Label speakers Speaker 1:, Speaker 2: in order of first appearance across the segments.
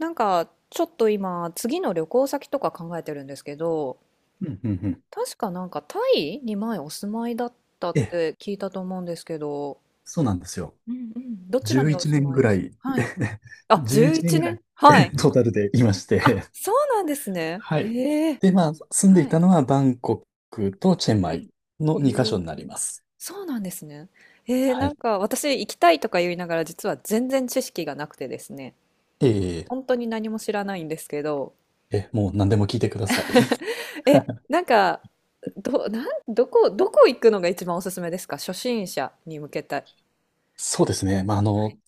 Speaker 1: なんか、ちょっと今、次の旅行先とか考えてるんですけど、
Speaker 2: うんうんうん
Speaker 1: 確かなんかタイに前お住まいだったっ
Speaker 2: ええ、
Speaker 1: て聞いたと思うんですけど、
Speaker 2: そうなんですよ。
Speaker 1: うんうん、どちらに
Speaker 2: 11
Speaker 1: お住
Speaker 2: 年
Speaker 1: まい
Speaker 2: ぐ
Speaker 1: で
Speaker 2: ら
Speaker 1: す
Speaker 2: い、
Speaker 1: はい。あ、
Speaker 2: 11
Speaker 1: 11
Speaker 2: 年ぐら
Speaker 1: 年
Speaker 2: い、
Speaker 1: はい。
Speaker 2: トータルでいまし
Speaker 1: あ、
Speaker 2: て。
Speaker 1: そうなんですね。
Speaker 2: はい。
Speaker 1: ええ
Speaker 2: で、まあ、住んで
Speaker 1: は
Speaker 2: い
Speaker 1: い。
Speaker 2: たのはバンコクとチェンマ
Speaker 1: は
Speaker 2: イ
Speaker 1: い。
Speaker 2: の
Speaker 1: へ
Speaker 2: 2カ
Speaker 1: え。
Speaker 2: 所になります。
Speaker 1: そうなんですね。
Speaker 2: は
Speaker 1: なん
Speaker 2: い。
Speaker 1: か私行きたいとか言いながら実は全然知識がなくてですね、
Speaker 2: ええ、
Speaker 1: 本当に何も知らないんですけど、
Speaker 2: え、もう何でも聞いてください。
Speaker 1: なんか、ど、なん、どこ、どこ行くのが一番おすすめですか初心者に向けた。
Speaker 2: そうですね。まあ、
Speaker 1: はい。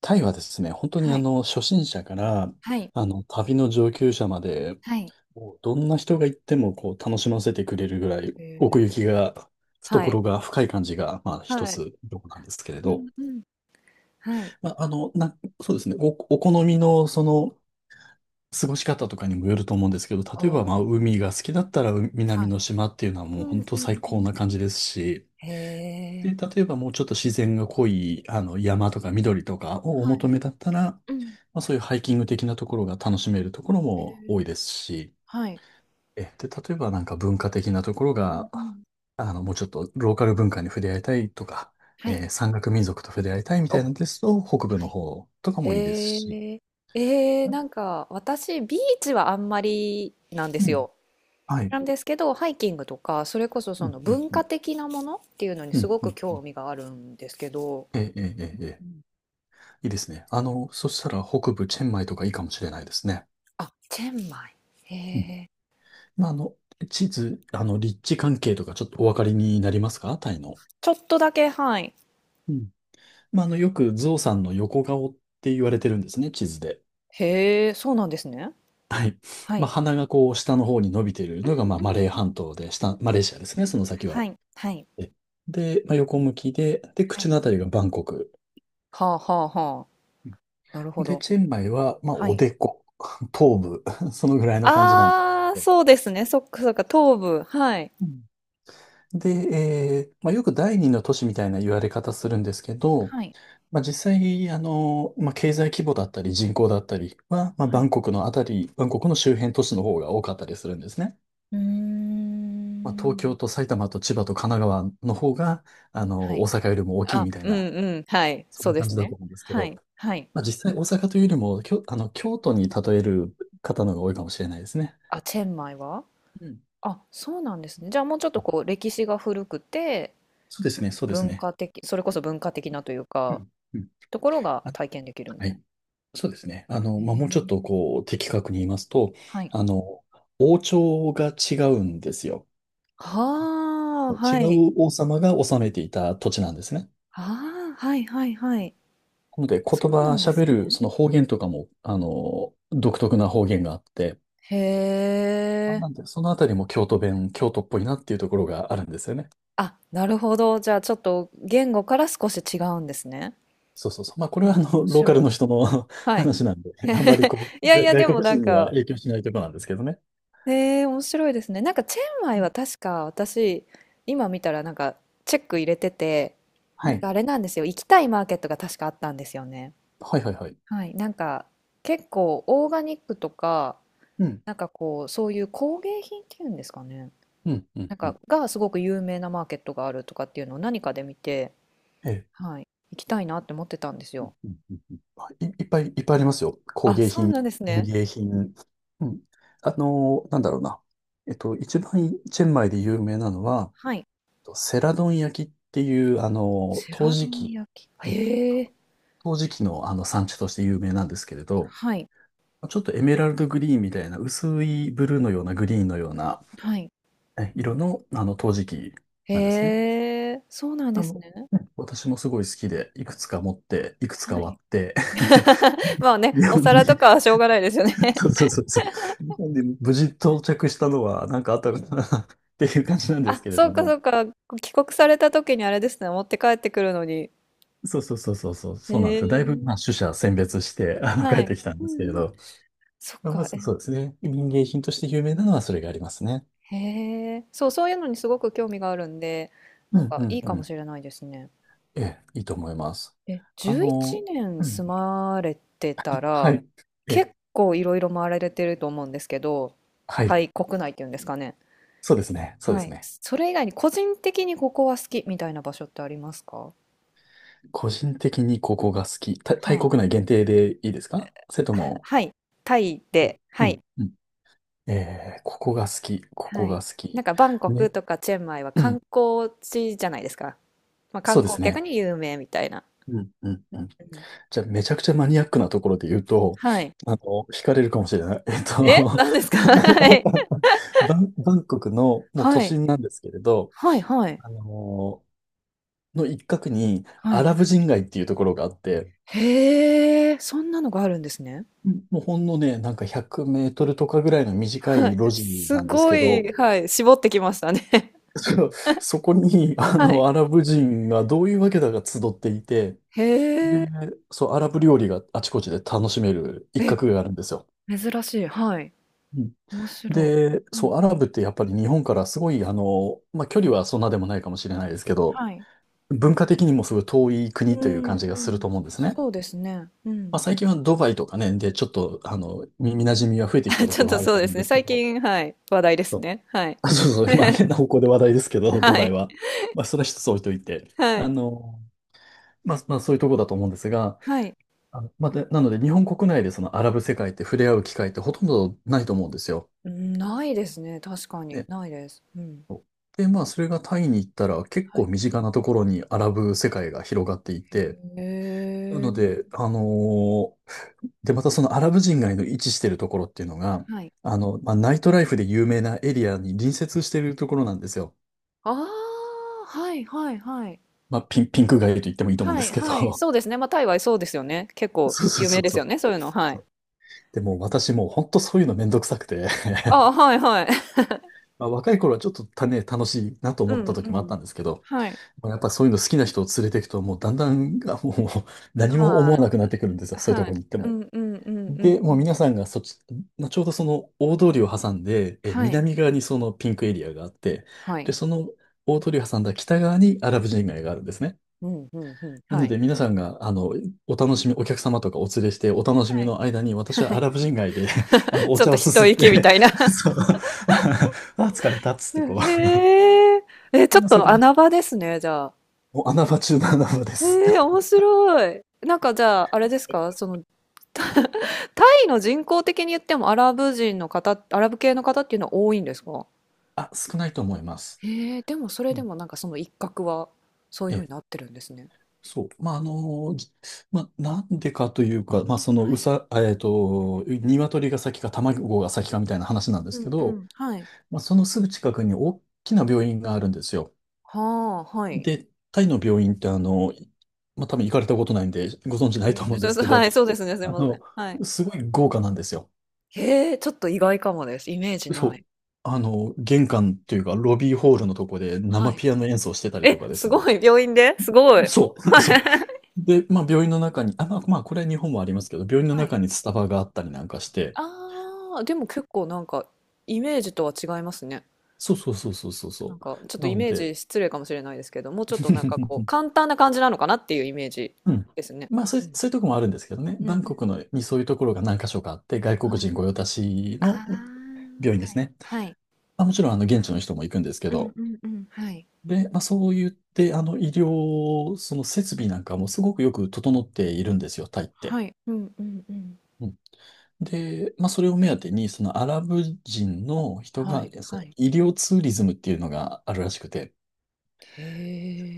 Speaker 2: タイはですね、本当に
Speaker 1: はい。
Speaker 2: 初心者から、
Speaker 1: はい。
Speaker 2: あの、旅の上級者まで、
Speaker 1: はい。
Speaker 2: もうどんな人が行ってもこう楽しませてくれるぐらい
Speaker 1: え
Speaker 2: 奥
Speaker 1: ー
Speaker 2: 行きが、
Speaker 1: はい。
Speaker 2: 懐が深い感じが、まあ一
Speaker 1: はい。
Speaker 2: つどこなんですけれ
Speaker 1: うん
Speaker 2: ど、
Speaker 1: うん。はい。
Speaker 2: まあ、そうですね、お好みのその過ごし方とかにもよると思うんですけど、
Speaker 1: お
Speaker 2: 例えばまあ
Speaker 1: ー。
Speaker 2: 海が好きだったら
Speaker 1: は
Speaker 2: 南
Speaker 1: い。
Speaker 2: の島っていうのはも
Speaker 1: う
Speaker 2: う
Speaker 1: ん
Speaker 2: 本
Speaker 1: う
Speaker 2: 当最
Speaker 1: んう
Speaker 2: 高
Speaker 1: ん。
Speaker 2: な感じですし、
Speaker 1: へ
Speaker 2: で、
Speaker 1: え。
Speaker 2: 例えばもうちょっと自然が濃いあの山とか緑とかをお
Speaker 1: はい。
Speaker 2: 求めだったら、
Speaker 1: うん。
Speaker 2: まあそういうハイキング的なところが楽しめるところ
Speaker 1: え
Speaker 2: も多い
Speaker 1: ー
Speaker 2: ですし、
Speaker 1: はい。
Speaker 2: で、例えばなんか文化的なところ
Speaker 1: うん
Speaker 2: が、
Speaker 1: うん。
Speaker 2: あの、もうちょっとローカル文化に触れ合いたいとか、
Speaker 1: はい。
Speaker 2: 山岳民族と触れ合いたいみ
Speaker 1: お、
Speaker 2: た
Speaker 1: は
Speaker 2: いなんですと、北部の方とか
Speaker 1: い。
Speaker 2: もいいです
Speaker 1: へ
Speaker 2: し。
Speaker 1: え。なんか私ビーチはあんまりなんで
Speaker 2: う
Speaker 1: す
Speaker 2: ん。
Speaker 1: よ。
Speaker 2: はい。
Speaker 1: なんですけど、ハイキングとか、それこそ
Speaker 2: う
Speaker 1: そ
Speaker 2: ん、
Speaker 1: の
Speaker 2: うん、
Speaker 1: 文
Speaker 2: う
Speaker 1: 化
Speaker 2: ん。
Speaker 1: 的なものっていうのに
Speaker 2: う
Speaker 1: す
Speaker 2: ん、
Speaker 1: ご
Speaker 2: う
Speaker 1: く
Speaker 2: ん、うん。
Speaker 1: 興味があるんですけど、
Speaker 2: ええ、ええ、ええ。え
Speaker 1: う
Speaker 2: え、
Speaker 1: ん。
Speaker 2: いいですね。あの、そしたら北部チェンマイとかいいかもしれないですね。
Speaker 1: あ、チェンマイ。へ
Speaker 2: うん。
Speaker 1: え。
Speaker 2: まあ、地図、あの、立地関係とかちょっとお分かりになりますか、タイの。
Speaker 1: ちょっとだけ、はい。
Speaker 2: うん。まあ、あの、よくゾウさんの横顔って言われてるんですね、地図で。
Speaker 1: へえ、そうなんですね。
Speaker 2: はい。
Speaker 1: は
Speaker 2: まあ、
Speaker 1: い。
Speaker 2: 鼻がこう、下の方に伸びている
Speaker 1: うん
Speaker 2: のが、まあ、マレー
Speaker 1: うんうん。
Speaker 2: 半島で、下、マレーシアですね、その先
Speaker 1: は
Speaker 2: は。
Speaker 1: い、はい、
Speaker 2: えで、まあ、横向きで、
Speaker 1: は
Speaker 2: 口
Speaker 1: い。
Speaker 2: のあたりがバンコク。
Speaker 1: はあはあはあ。なるほ
Speaker 2: で、
Speaker 1: ど。
Speaker 2: チェンマイは、まあ、
Speaker 1: は
Speaker 2: お
Speaker 1: い。
Speaker 2: でこ、頭部、そのぐらいの感じなんです
Speaker 1: ああ、
Speaker 2: けど。
Speaker 1: そうですね。そっかそっか、東部。はい。
Speaker 2: うんで、まあ、よく第二の都市みたいな言われ方するんですけど、
Speaker 1: はい、
Speaker 2: まあ、実際、まあ、経済規模だったり人口だったりは、まあ、
Speaker 1: はい。
Speaker 2: バンコクの周辺都市の方が多かったりするんですね。
Speaker 1: うー
Speaker 2: まあ、東京
Speaker 1: ん。
Speaker 2: と埼玉と千葉と神奈川の方が、あ
Speaker 1: は
Speaker 2: の、
Speaker 1: い。
Speaker 2: 大阪よりも大きい
Speaker 1: あ、
Speaker 2: みたい
Speaker 1: うん
Speaker 2: な、
Speaker 1: うん。はい。
Speaker 2: そん
Speaker 1: そう
Speaker 2: な
Speaker 1: で
Speaker 2: 感
Speaker 1: す
Speaker 2: じだ
Speaker 1: ね。
Speaker 2: と思うんですけ
Speaker 1: は
Speaker 2: ど、
Speaker 1: い、はい。
Speaker 2: まあ、実際大阪というよりも、きょ、あの、京都に例える方の方が多いかもしれないですね。
Speaker 1: あ、チェンマイは
Speaker 2: うん。
Speaker 1: あ、そうなんですね。じゃあもうちょっと
Speaker 2: え
Speaker 1: こう歴史が古くて
Speaker 2: そうですね、そうです
Speaker 1: 文
Speaker 2: ね。
Speaker 1: 化的、それこそ文化的なという
Speaker 2: う
Speaker 1: か、
Speaker 2: ん。うん。
Speaker 1: ところが
Speaker 2: あ、
Speaker 1: 体験できるみ
Speaker 2: は
Speaker 1: たい
Speaker 2: い。
Speaker 1: な。
Speaker 2: そうですね。あの、
Speaker 1: へ
Speaker 2: まあ、も
Speaker 1: え
Speaker 2: うちょっとこう、的確に言いますと、
Speaker 1: はい。
Speaker 2: あの、王朝が違うんですよ。
Speaker 1: はあ、
Speaker 2: 違
Speaker 1: はい。
Speaker 2: う王様が治めていた土地なんですね。
Speaker 1: ああ、はいはいはい。
Speaker 2: なので、言
Speaker 1: そうな
Speaker 2: 葉
Speaker 1: んで
Speaker 2: 喋
Speaker 1: す
Speaker 2: る、
Speaker 1: ね。
Speaker 2: その方言とかも、あの、独特な方言があって、
Speaker 1: へえ。
Speaker 2: なんで、そのあたりも京都っぽいなっていうところがあるんですよね。
Speaker 1: あ、なるほど。じゃあちょっと言語から少し違うんですね。
Speaker 2: そうそうそう。まあ、これ
Speaker 1: え
Speaker 2: はあの、
Speaker 1: 面
Speaker 2: ローカル
Speaker 1: 白
Speaker 2: の
Speaker 1: い。
Speaker 2: 人の
Speaker 1: はい。
Speaker 2: 話なんで、あんまり こ
Speaker 1: い
Speaker 2: う、
Speaker 1: やい
Speaker 2: が
Speaker 1: や、
Speaker 2: 外
Speaker 1: でも
Speaker 2: 国
Speaker 1: なん
Speaker 2: 人には
Speaker 1: か、
Speaker 2: 影響しないところなんですけどね。
Speaker 1: へえ、面白いですね。なんかチェンマ
Speaker 2: う
Speaker 1: イは
Speaker 2: ん
Speaker 1: 確か私、今見たらなんかチェック入れてて、
Speaker 2: は
Speaker 1: なん
Speaker 2: い。
Speaker 1: かあれなんですよ。行きたいマーケットが確かあったんですよね。
Speaker 2: はいはいはい。
Speaker 1: はい。なんか結構オーガニックとか、
Speaker 2: うん。
Speaker 1: なんかこう、そういう工芸品っていうんですかね。
Speaker 2: うん、うん、
Speaker 1: なん
Speaker 2: う
Speaker 1: か
Speaker 2: ん。
Speaker 1: がすごく有名なマーケットがあるとかっていうのを何かで見て、
Speaker 2: ええ。
Speaker 1: はい。行きたいなって思ってたんですよ。
Speaker 2: いっぱい、いっぱいありますよ。工
Speaker 1: あ、
Speaker 2: 芸
Speaker 1: そう
Speaker 2: 品、
Speaker 1: なんです
Speaker 2: 園
Speaker 1: ね。
Speaker 2: 芸品。うん。なんだろうな。えっと、一番チェンマイで有名なのは、
Speaker 1: はい。
Speaker 2: セラドン焼きっていう、
Speaker 1: セ
Speaker 2: 陶
Speaker 1: ラド
Speaker 2: 磁
Speaker 1: ン
Speaker 2: 器。
Speaker 1: 焼き。へえ。
Speaker 2: 陶磁器のあの産地として有名なんですけれど、
Speaker 1: はい。
Speaker 2: ちょっとエメラルドグリーンみたいな薄いブルーのようなグリーンのような
Speaker 1: はい。
Speaker 2: 色のあの陶磁器なんですね。
Speaker 1: へえ。そうなんで
Speaker 2: あの、
Speaker 1: すね。
Speaker 2: ね、私もすごい好きで、いくつか持って、いくつ
Speaker 1: は
Speaker 2: か割
Speaker 1: い。
Speaker 2: って、
Speaker 1: まあ ね、
Speaker 2: 日
Speaker 1: お
Speaker 2: 本に、
Speaker 1: 皿とかはしょうがないですよね。
Speaker 2: そう そうそうそう、日本に無事到着したのはなんかあったのかな っていう感じなんです
Speaker 1: あ、
Speaker 2: けれ
Speaker 1: そ
Speaker 2: ど
Speaker 1: うかそ
Speaker 2: も。
Speaker 1: うか。帰国された時にあれですね、持って帰ってくるのに。
Speaker 2: そうそうそうそうそう、
Speaker 1: へ
Speaker 2: そうなんですよ。だいぶ、まあ、
Speaker 1: え。
Speaker 2: 取捨選別して、あの、帰
Speaker 1: は
Speaker 2: っ
Speaker 1: い。
Speaker 2: てきたん
Speaker 1: う
Speaker 2: で
Speaker 1: ん
Speaker 2: すけ
Speaker 1: う
Speaker 2: れ
Speaker 1: ん。
Speaker 2: ど。
Speaker 1: そっ
Speaker 2: まあま
Speaker 1: か、え、
Speaker 2: ずそうですね。民芸品として有名なのはそれがありますね。
Speaker 1: へえ。そう、そういうのにすごく興味があるんで、
Speaker 2: う
Speaker 1: なん
Speaker 2: ん
Speaker 1: か
Speaker 2: うん
Speaker 1: いいか
Speaker 2: う
Speaker 1: も
Speaker 2: ん。
Speaker 1: しれないですね。
Speaker 2: ええ、いいと思います。
Speaker 1: え、
Speaker 2: あ
Speaker 1: 11
Speaker 2: の、
Speaker 1: 年
Speaker 2: う
Speaker 1: 住
Speaker 2: ん、
Speaker 1: まれてた
Speaker 2: は
Speaker 1: ら、
Speaker 2: い。え、
Speaker 1: 結構いろいろ回られてると思うんですけど、
Speaker 2: はい。
Speaker 1: タイ国内っていうんですかね。
Speaker 2: そうですね。そうで
Speaker 1: は
Speaker 2: す
Speaker 1: い。
Speaker 2: ね。
Speaker 1: それ以外に個人的にここは好きみたいな場所ってありますか？
Speaker 2: 個人的にここが好き。タイ
Speaker 1: はい。
Speaker 2: 国内限定でいいですか、それとも、
Speaker 1: はい、タイ
Speaker 2: はい、
Speaker 1: で、
Speaker 2: う
Speaker 1: はい、
Speaker 2: ん、うん。えー、ここが好き。こ
Speaker 1: は
Speaker 2: こ
Speaker 1: い。
Speaker 2: が好
Speaker 1: なん
Speaker 2: き。
Speaker 1: かバンコク
Speaker 2: ね。
Speaker 1: とかチェンマイは
Speaker 2: う
Speaker 1: 観
Speaker 2: ん。
Speaker 1: 光地じゃないですか。まあ、
Speaker 2: そ
Speaker 1: 観
Speaker 2: うで
Speaker 1: 光
Speaker 2: す
Speaker 1: 客
Speaker 2: ね。
Speaker 1: に有名みたいな。
Speaker 2: うん、うん、うん。
Speaker 1: うん。
Speaker 2: じゃあ、めちゃくちゃマニアックなところで言うと、
Speaker 1: はい。
Speaker 2: あの、惹かれるかもしれない。えっと
Speaker 1: え、何 ですか？はい。
Speaker 2: バンコクの、もう
Speaker 1: は
Speaker 2: 都
Speaker 1: い。
Speaker 2: 心なんですけれど、
Speaker 1: はいはい。
Speaker 2: あのの一角に
Speaker 1: は
Speaker 2: ア
Speaker 1: い。
Speaker 2: ラブ人街っていうところがあって、
Speaker 1: へえ、そんなのがあるんですね。
Speaker 2: うん。もうほんのね、なんか100メートルとかぐらいの短
Speaker 1: は
Speaker 2: い
Speaker 1: い。
Speaker 2: 路地
Speaker 1: す
Speaker 2: なんです
Speaker 1: ご
Speaker 2: けど、
Speaker 1: い、はい、絞ってきましたね。
Speaker 2: そ そこに、あ
Speaker 1: はい。
Speaker 2: の、アラブ人がどういうわけだか集っていて、
Speaker 1: へ
Speaker 2: で、
Speaker 1: え。
Speaker 2: そう、アラブ料理があちこちで楽しめる一
Speaker 1: え、
Speaker 2: 角があるんですよ。
Speaker 1: 珍しい。はい。
Speaker 2: うん
Speaker 1: 面白
Speaker 2: で、
Speaker 1: い。うんう
Speaker 2: そう、アラ
Speaker 1: ん。
Speaker 2: ブってやっぱり日本からすごい、あの、まあ、距離はそんなでもないかもしれないですけど、
Speaker 1: はい。
Speaker 2: 文化的にもすごい遠い
Speaker 1: う
Speaker 2: 国という感
Speaker 1: ん、
Speaker 2: じ
Speaker 1: う
Speaker 2: がすると
Speaker 1: ん。
Speaker 2: 思うんですね。
Speaker 1: そうですね。う
Speaker 2: まあ、
Speaker 1: ん。
Speaker 2: 最近はドバイとかね、で、ちょっと、あの、耳馴染みは増えてきた と
Speaker 1: ちょ
Speaker 2: こ
Speaker 1: っ
Speaker 2: ろ
Speaker 1: と
Speaker 2: はある
Speaker 1: そう
Speaker 2: と
Speaker 1: で
Speaker 2: 思うん
Speaker 1: すね。
Speaker 2: ですけ
Speaker 1: 最
Speaker 2: ど、
Speaker 1: 近、はい。話題です
Speaker 2: そう、
Speaker 1: ね。はい。
Speaker 2: あそうそう、まあ、変な方向で話題ですけど、ド
Speaker 1: は
Speaker 2: バイ
Speaker 1: い。
Speaker 2: は。まあ、それは一つ置いといて、
Speaker 1: は
Speaker 2: あ
Speaker 1: い。
Speaker 2: の、まあ、そういうところだと思うんですが、
Speaker 1: はい。
Speaker 2: あの、まあ、で、なので、日本国内でそのアラブ世界って触れ合う機会ってほとんどないと思うんですよ。
Speaker 1: うん、ないですね。確かに。
Speaker 2: ね。
Speaker 1: ないです。うん。
Speaker 2: そう、で、まあ、それがタイに行ったら、結
Speaker 1: は
Speaker 2: 構
Speaker 1: い。
Speaker 2: 身近なところにアラブ世界が広がっていて、
Speaker 1: へ
Speaker 2: なの
Speaker 1: え。
Speaker 2: で、あのーで、またそのアラブ人街の位置してるところっていうのが、
Speaker 1: はい。
Speaker 2: あの、まあ、ナイトライフで有名なエリアに隣接しているところなんですよ。
Speaker 1: ああ、はいはいはい。
Speaker 2: まあ、ピンク街と言ってもいいと思うん
Speaker 1: は
Speaker 2: です
Speaker 1: い
Speaker 2: け
Speaker 1: はい。
Speaker 2: ど。
Speaker 1: そうですね。まあ、タイはそうですよね。結 構
Speaker 2: そうそう
Speaker 1: 有名
Speaker 2: そう
Speaker 1: です
Speaker 2: そ
Speaker 1: よ
Speaker 2: う。
Speaker 1: ね。そういうの。は
Speaker 2: そ
Speaker 1: い。
Speaker 2: うでもう私もう本当そういうのめんどくさくて。
Speaker 1: あ あ、はいはい。
Speaker 2: まあ、若い頃はちょっとたね、楽しいなと
Speaker 1: う
Speaker 2: 思っ
Speaker 1: んう
Speaker 2: た時もあったん
Speaker 1: ん。
Speaker 2: ですけど、
Speaker 1: はい。
Speaker 2: まあやっぱそういうの好きな人を連れていくと、もうだんだん、あもう何も
Speaker 1: ま
Speaker 2: 思わなくなってくるんですよ、
Speaker 1: あ、
Speaker 2: そういうと
Speaker 1: は
Speaker 2: ころ
Speaker 1: い。
Speaker 2: に行って
Speaker 1: う
Speaker 2: も。
Speaker 1: んうんうんうんう
Speaker 2: で、もう皆
Speaker 1: ん。
Speaker 2: さんがそっち、まあちょうどその大通りを挟んで、え、
Speaker 1: はい。
Speaker 2: 南側にそのピンクエリアがあって、
Speaker 1: は
Speaker 2: で、
Speaker 1: い。
Speaker 2: その大通りを挟んだ北側にアラブ人街があるんですね。
Speaker 1: うんうんうん。
Speaker 2: な
Speaker 1: は
Speaker 2: の
Speaker 1: い。
Speaker 2: で皆さんが、あの、お楽しみ、お客様とかお連れしてお楽し
Speaker 1: は
Speaker 2: み
Speaker 1: い。
Speaker 2: の間に、私はアラブ 人街で あの、お
Speaker 1: ちょっ
Speaker 2: 茶
Speaker 1: と
Speaker 2: をす
Speaker 1: 一
Speaker 2: すっ
Speaker 1: 息み
Speaker 2: て
Speaker 1: たいな。
Speaker 2: そう、あ、疲れたっつってこう、
Speaker 1: へえ。え、ちょっ
Speaker 2: 今そ
Speaker 1: と
Speaker 2: こで、
Speaker 1: 穴場ですね、じゃあ。
Speaker 2: もう穴場中の穴場です。
Speaker 1: ええ、面白い。なんかじゃあ、あれですか、その、タイの人口的に言ってもアラブ人の方、アラブ系の方っていうのは多いんですか
Speaker 2: あ、少ないと思います。
Speaker 1: へえ、でもそれ
Speaker 2: う
Speaker 1: で
Speaker 2: ん、
Speaker 1: もなんかその一角は、そういうふうに
Speaker 2: ええ、
Speaker 1: なってるんですね。
Speaker 2: そう。まあ、まあ、なんでかというか、まあ、その、う
Speaker 1: はい。
Speaker 2: さ、えっと、鶏が先か卵が先かみたいな話なんで
Speaker 1: う
Speaker 2: すけ
Speaker 1: んう
Speaker 2: ど、
Speaker 1: ん。はい。
Speaker 2: まあ、そのすぐ近くに大きな病院があるんですよ。
Speaker 1: はあ、はい。
Speaker 2: で、タイの病院ってまあ、多分行かれたことないんで、ご存知な
Speaker 1: う
Speaker 2: いと
Speaker 1: ん
Speaker 2: 思うん
Speaker 1: じゃ
Speaker 2: で
Speaker 1: あ
Speaker 2: すけど、
Speaker 1: はい、そうですね、すい
Speaker 2: あ
Speaker 1: ませ
Speaker 2: の、
Speaker 1: ん。はい。
Speaker 2: すごい豪華なんですよ。
Speaker 1: へえ、ちょっと意外かもです。イメージ
Speaker 2: そ
Speaker 1: ない。
Speaker 2: う。あの、玄関というか、ロビーホールのとこで
Speaker 1: は
Speaker 2: 生
Speaker 1: い。
Speaker 2: ピアノ演奏してたりと
Speaker 1: え、
Speaker 2: かで
Speaker 1: す
Speaker 2: すね。
Speaker 1: ごい、病院ですごい。
Speaker 2: そう。そう。で、まあ病院の中に、まあこれは日本もありますけど、病院の
Speaker 1: はい。
Speaker 2: 中にスタバがあったりなんかして、
Speaker 1: ああ、でも結構なんかイメージとは違いますね。
Speaker 2: そうそうそうそうそう
Speaker 1: なん
Speaker 2: そ
Speaker 1: かちょっ
Speaker 2: う。
Speaker 1: と
Speaker 2: な
Speaker 1: イ
Speaker 2: の
Speaker 1: メー
Speaker 2: で、
Speaker 1: ジ失礼かもしれないですけど、もうちょっとなんかこう 簡単な感じなのかなっていうイメージ
Speaker 2: うん。
Speaker 1: ですね。
Speaker 2: まあ
Speaker 1: うん。
Speaker 2: そういうとこもあるんですけどね。
Speaker 1: うんう
Speaker 2: バ
Speaker 1: ん。
Speaker 2: ンコクのにそういうところが何箇所かあって、外国
Speaker 1: はい。
Speaker 2: 人御用達
Speaker 1: ああ、
Speaker 2: の、うん、病院で
Speaker 1: は
Speaker 2: す
Speaker 1: い。
Speaker 2: ね。
Speaker 1: はい。
Speaker 2: まあ、もちろんあの現地の人も行くんですけ
Speaker 1: うん
Speaker 2: ど、
Speaker 1: うんうん。はい。
Speaker 2: で、まあそう言って、あの医療、その設備なんかもすごくよく整っているんですよ、タイって。
Speaker 1: はい。うんうんうん。
Speaker 2: うん。で、まあ、それを目当てに、そのアラブ人の人
Speaker 1: は
Speaker 2: が、い
Speaker 1: い
Speaker 2: やそ
Speaker 1: は
Speaker 2: の
Speaker 1: い。
Speaker 2: 医療ツーリズムっていうのがあるらしくて、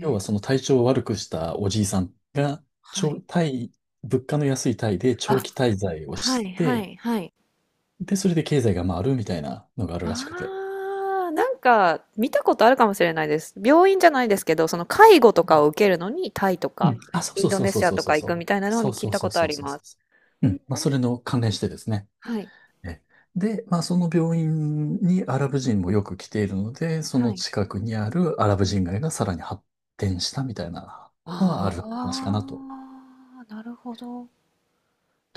Speaker 2: 要
Speaker 1: え。
Speaker 2: はその体調を悪くしたおじいさんが、
Speaker 1: は
Speaker 2: 長
Speaker 1: い。
Speaker 2: タイ、物価の安いタイで長
Speaker 1: あ、
Speaker 2: 期滞在を
Speaker 1: は
Speaker 2: し
Speaker 1: いは
Speaker 2: て、
Speaker 1: いはい。
Speaker 2: で、それで経済が回るみたいなのがあるらしくて。
Speaker 1: ああ、なんか見たことあるかもしれないです。病院じゃないですけど、その介護と
Speaker 2: う
Speaker 1: か
Speaker 2: ん。
Speaker 1: を受けるのにタイと
Speaker 2: う
Speaker 1: か
Speaker 2: ん、あ、そう
Speaker 1: イン
Speaker 2: そう
Speaker 1: ド
Speaker 2: そう
Speaker 1: ネ
Speaker 2: そう
Speaker 1: シア
Speaker 2: そう
Speaker 1: と
Speaker 2: そう
Speaker 1: か行
Speaker 2: そ
Speaker 1: く
Speaker 2: う。
Speaker 1: みたいなのは
Speaker 2: そう
Speaker 1: 聞
Speaker 2: そ
Speaker 1: い
Speaker 2: う
Speaker 1: た
Speaker 2: そ
Speaker 1: こ
Speaker 2: う
Speaker 1: とあ
Speaker 2: そう
Speaker 1: り
Speaker 2: そう
Speaker 1: ま
Speaker 2: そ
Speaker 1: す。
Speaker 2: う。
Speaker 1: う
Speaker 2: う
Speaker 1: んうん。
Speaker 2: ん。まあ、それの関連してですね。
Speaker 1: はい。
Speaker 2: えで、まあ、その病院にアラブ人もよく来ているので、そ
Speaker 1: は
Speaker 2: の
Speaker 1: い。
Speaker 2: 近くにあるアラブ
Speaker 1: は
Speaker 2: 人
Speaker 1: い。
Speaker 2: 街がさらに発展したみたいなのはある話かなと。
Speaker 1: ああ、なるほど。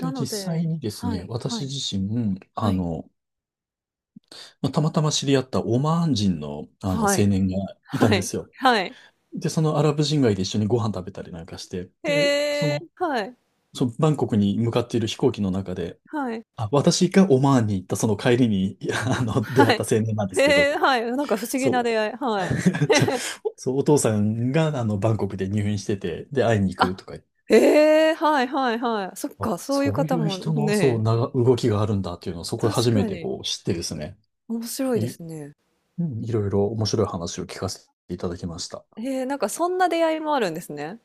Speaker 1: なの
Speaker 2: 実際
Speaker 1: で、
Speaker 2: にです
Speaker 1: は
Speaker 2: ね、
Speaker 1: い。は
Speaker 2: 私
Speaker 1: い。
Speaker 2: 自身、
Speaker 1: はい。
Speaker 2: まあたまたま知り合ったオマーン人の、あの
Speaker 1: は
Speaker 2: 青
Speaker 1: い。
Speaker 2: 年がいたん
Speaker 1: は
Speaker 2: で
Speaker 1: い。
Speaker 2: すよ。
Speaker 1: はい。
Speaker 2: で、そのアラブ人街で一緒にご飯食べたりなんかして、で、そ
Speaker 1: へえ、
Speaker 2: の、
Speaker 1: はい。
Speaker 2: そのバンコクに向かっている飛行機の中で、
Speaker 1: はい。
Speaker 2: あ、私がオマーンに行ったその帰りに、出
Speaker 1: は
Speaker 2: 会った
Speaker 1: い。
Speaker 2: 青年なんですけど、
Speaker 1: へえ、はい。なんか不思議な
Speaker 2: そう、
Speaker 1: 出会い。はい。
Speaker 2: ちょそう、お父さんが、あの、バンコクで入院してて、で、会いに行くと
Speaker 1: あ、
Speaker 2: か言って、
Speaker 1: ええ、はいはいはい。そっ
Speaker 2: あ、
Speaker 1: か、そういう
Speaker 2: そうい
Speaker 1: 方
Speaker 2: う
Speaker 1: も
Speaker 2: 人の、
Speaker 1: ね、
Speaker 2: 動きがあるんだっていうのを、そこで
Speaker 1: 確
Speaker 2: 初め
Speaker 1: か
Speaker 2: て
Speaker 1: に
Speaker 2: こう、知ってですね。
Speaker 1: 面白いで
Speaker 2: い、
Speaker 1: すね。
Speaker 2: うん、いろいろ面白い話を聞かせていただきました。
Speaker 1: へえ、なんかそんな出会いもあるんですね。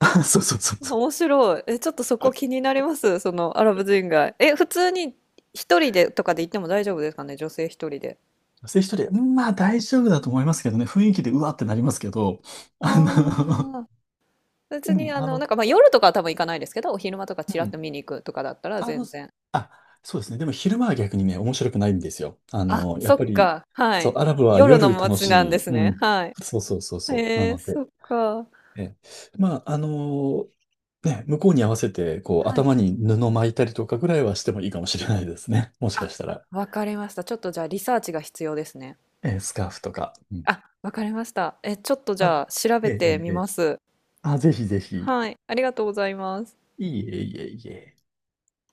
Speaker 2: そうそうそうそう。
Speaker 1: 面白い。え、ちょっとそこ気になります、そのアラブ人街。え、普通に一人でとかで行っても大丈夫ですかね、女性一人で。
Speaker 2: 女性一人で、うん、まあ大丈夫だと思いますけどね、雰囲気でうわってなりますけど、あの、
Speaker 1: ああ、別
Speaker 2: う
Speaker 1: に
Speaker 2: ん、
Speaker 1: あ
Speaker 2: あ
Speaker 1: の、な
Speaker 2: の、
Speaker 1: んかまあ夜とかは多分行かないですけど、お昼間とかチ
Speaker 2: う
Speaker 1: ラッと
Speaker 2: ん
Speaker 1: 見に行くとかだったら
Speaker 2: あ
Speaker 1: 全
Speaker 2: の、
Speaker 1: 然。
Speaker 2: あ、そうですね。でも昼間は逆にね、面白くないんですよ。あ
Speaker 1: あ、
Speaker 2: の、や
Speaker 1: そ
Speaker 2: っぱ
Speaker 1: っ
Speaker 2: り、
Speaker 1: か、は
Speaker 2: そう、
Speaker 1: い。
Speaker 2: アラブは
Speaker 1: 夜の
Speaker 2: 夜楽
Speaker 1: 街なん
Speaker 2: し
Speaker 1: で
Speaker 2: い。
Speaker 1: す
Speaker 2: う
Speaker 1: ね。
Speaker 2: ん。
Speaker 1: はい。
Speaker 2: そうそうそうそう。な
Speaker 1: へえ、
Speaker 2: ので、
Speaker 1: そっか。
Speaker 2: え、まあ、あのね、向こうに合わせて、こう、
Speaker 1: はい。
Speaker 2: 頭に布巻いたりとかぐらいはしてもいいかもしれないですね。もしか
Speaker 1: あ、
Speaker 2: したら。
Speaker 1: わかりました。ちょっとじゃあリサーチが必要ですね。
Speaker 2: え、スカーフとか。うん。
Speaker 1: あ、わかりました。え、ちょっとじ
Speaker 2: あ、
Speaker 1: ゃあ調べ
Speaker 2: ええ、
Speaker 1: て
Speaker 2: え
Speaker 1: み
Speaker 2: え。
Speaker 1: ます。
Speaker 2: あ、ぜひぜひ。
Speaker 1: はい、ありがとうございます。
Speaker 2: いえいえいえ。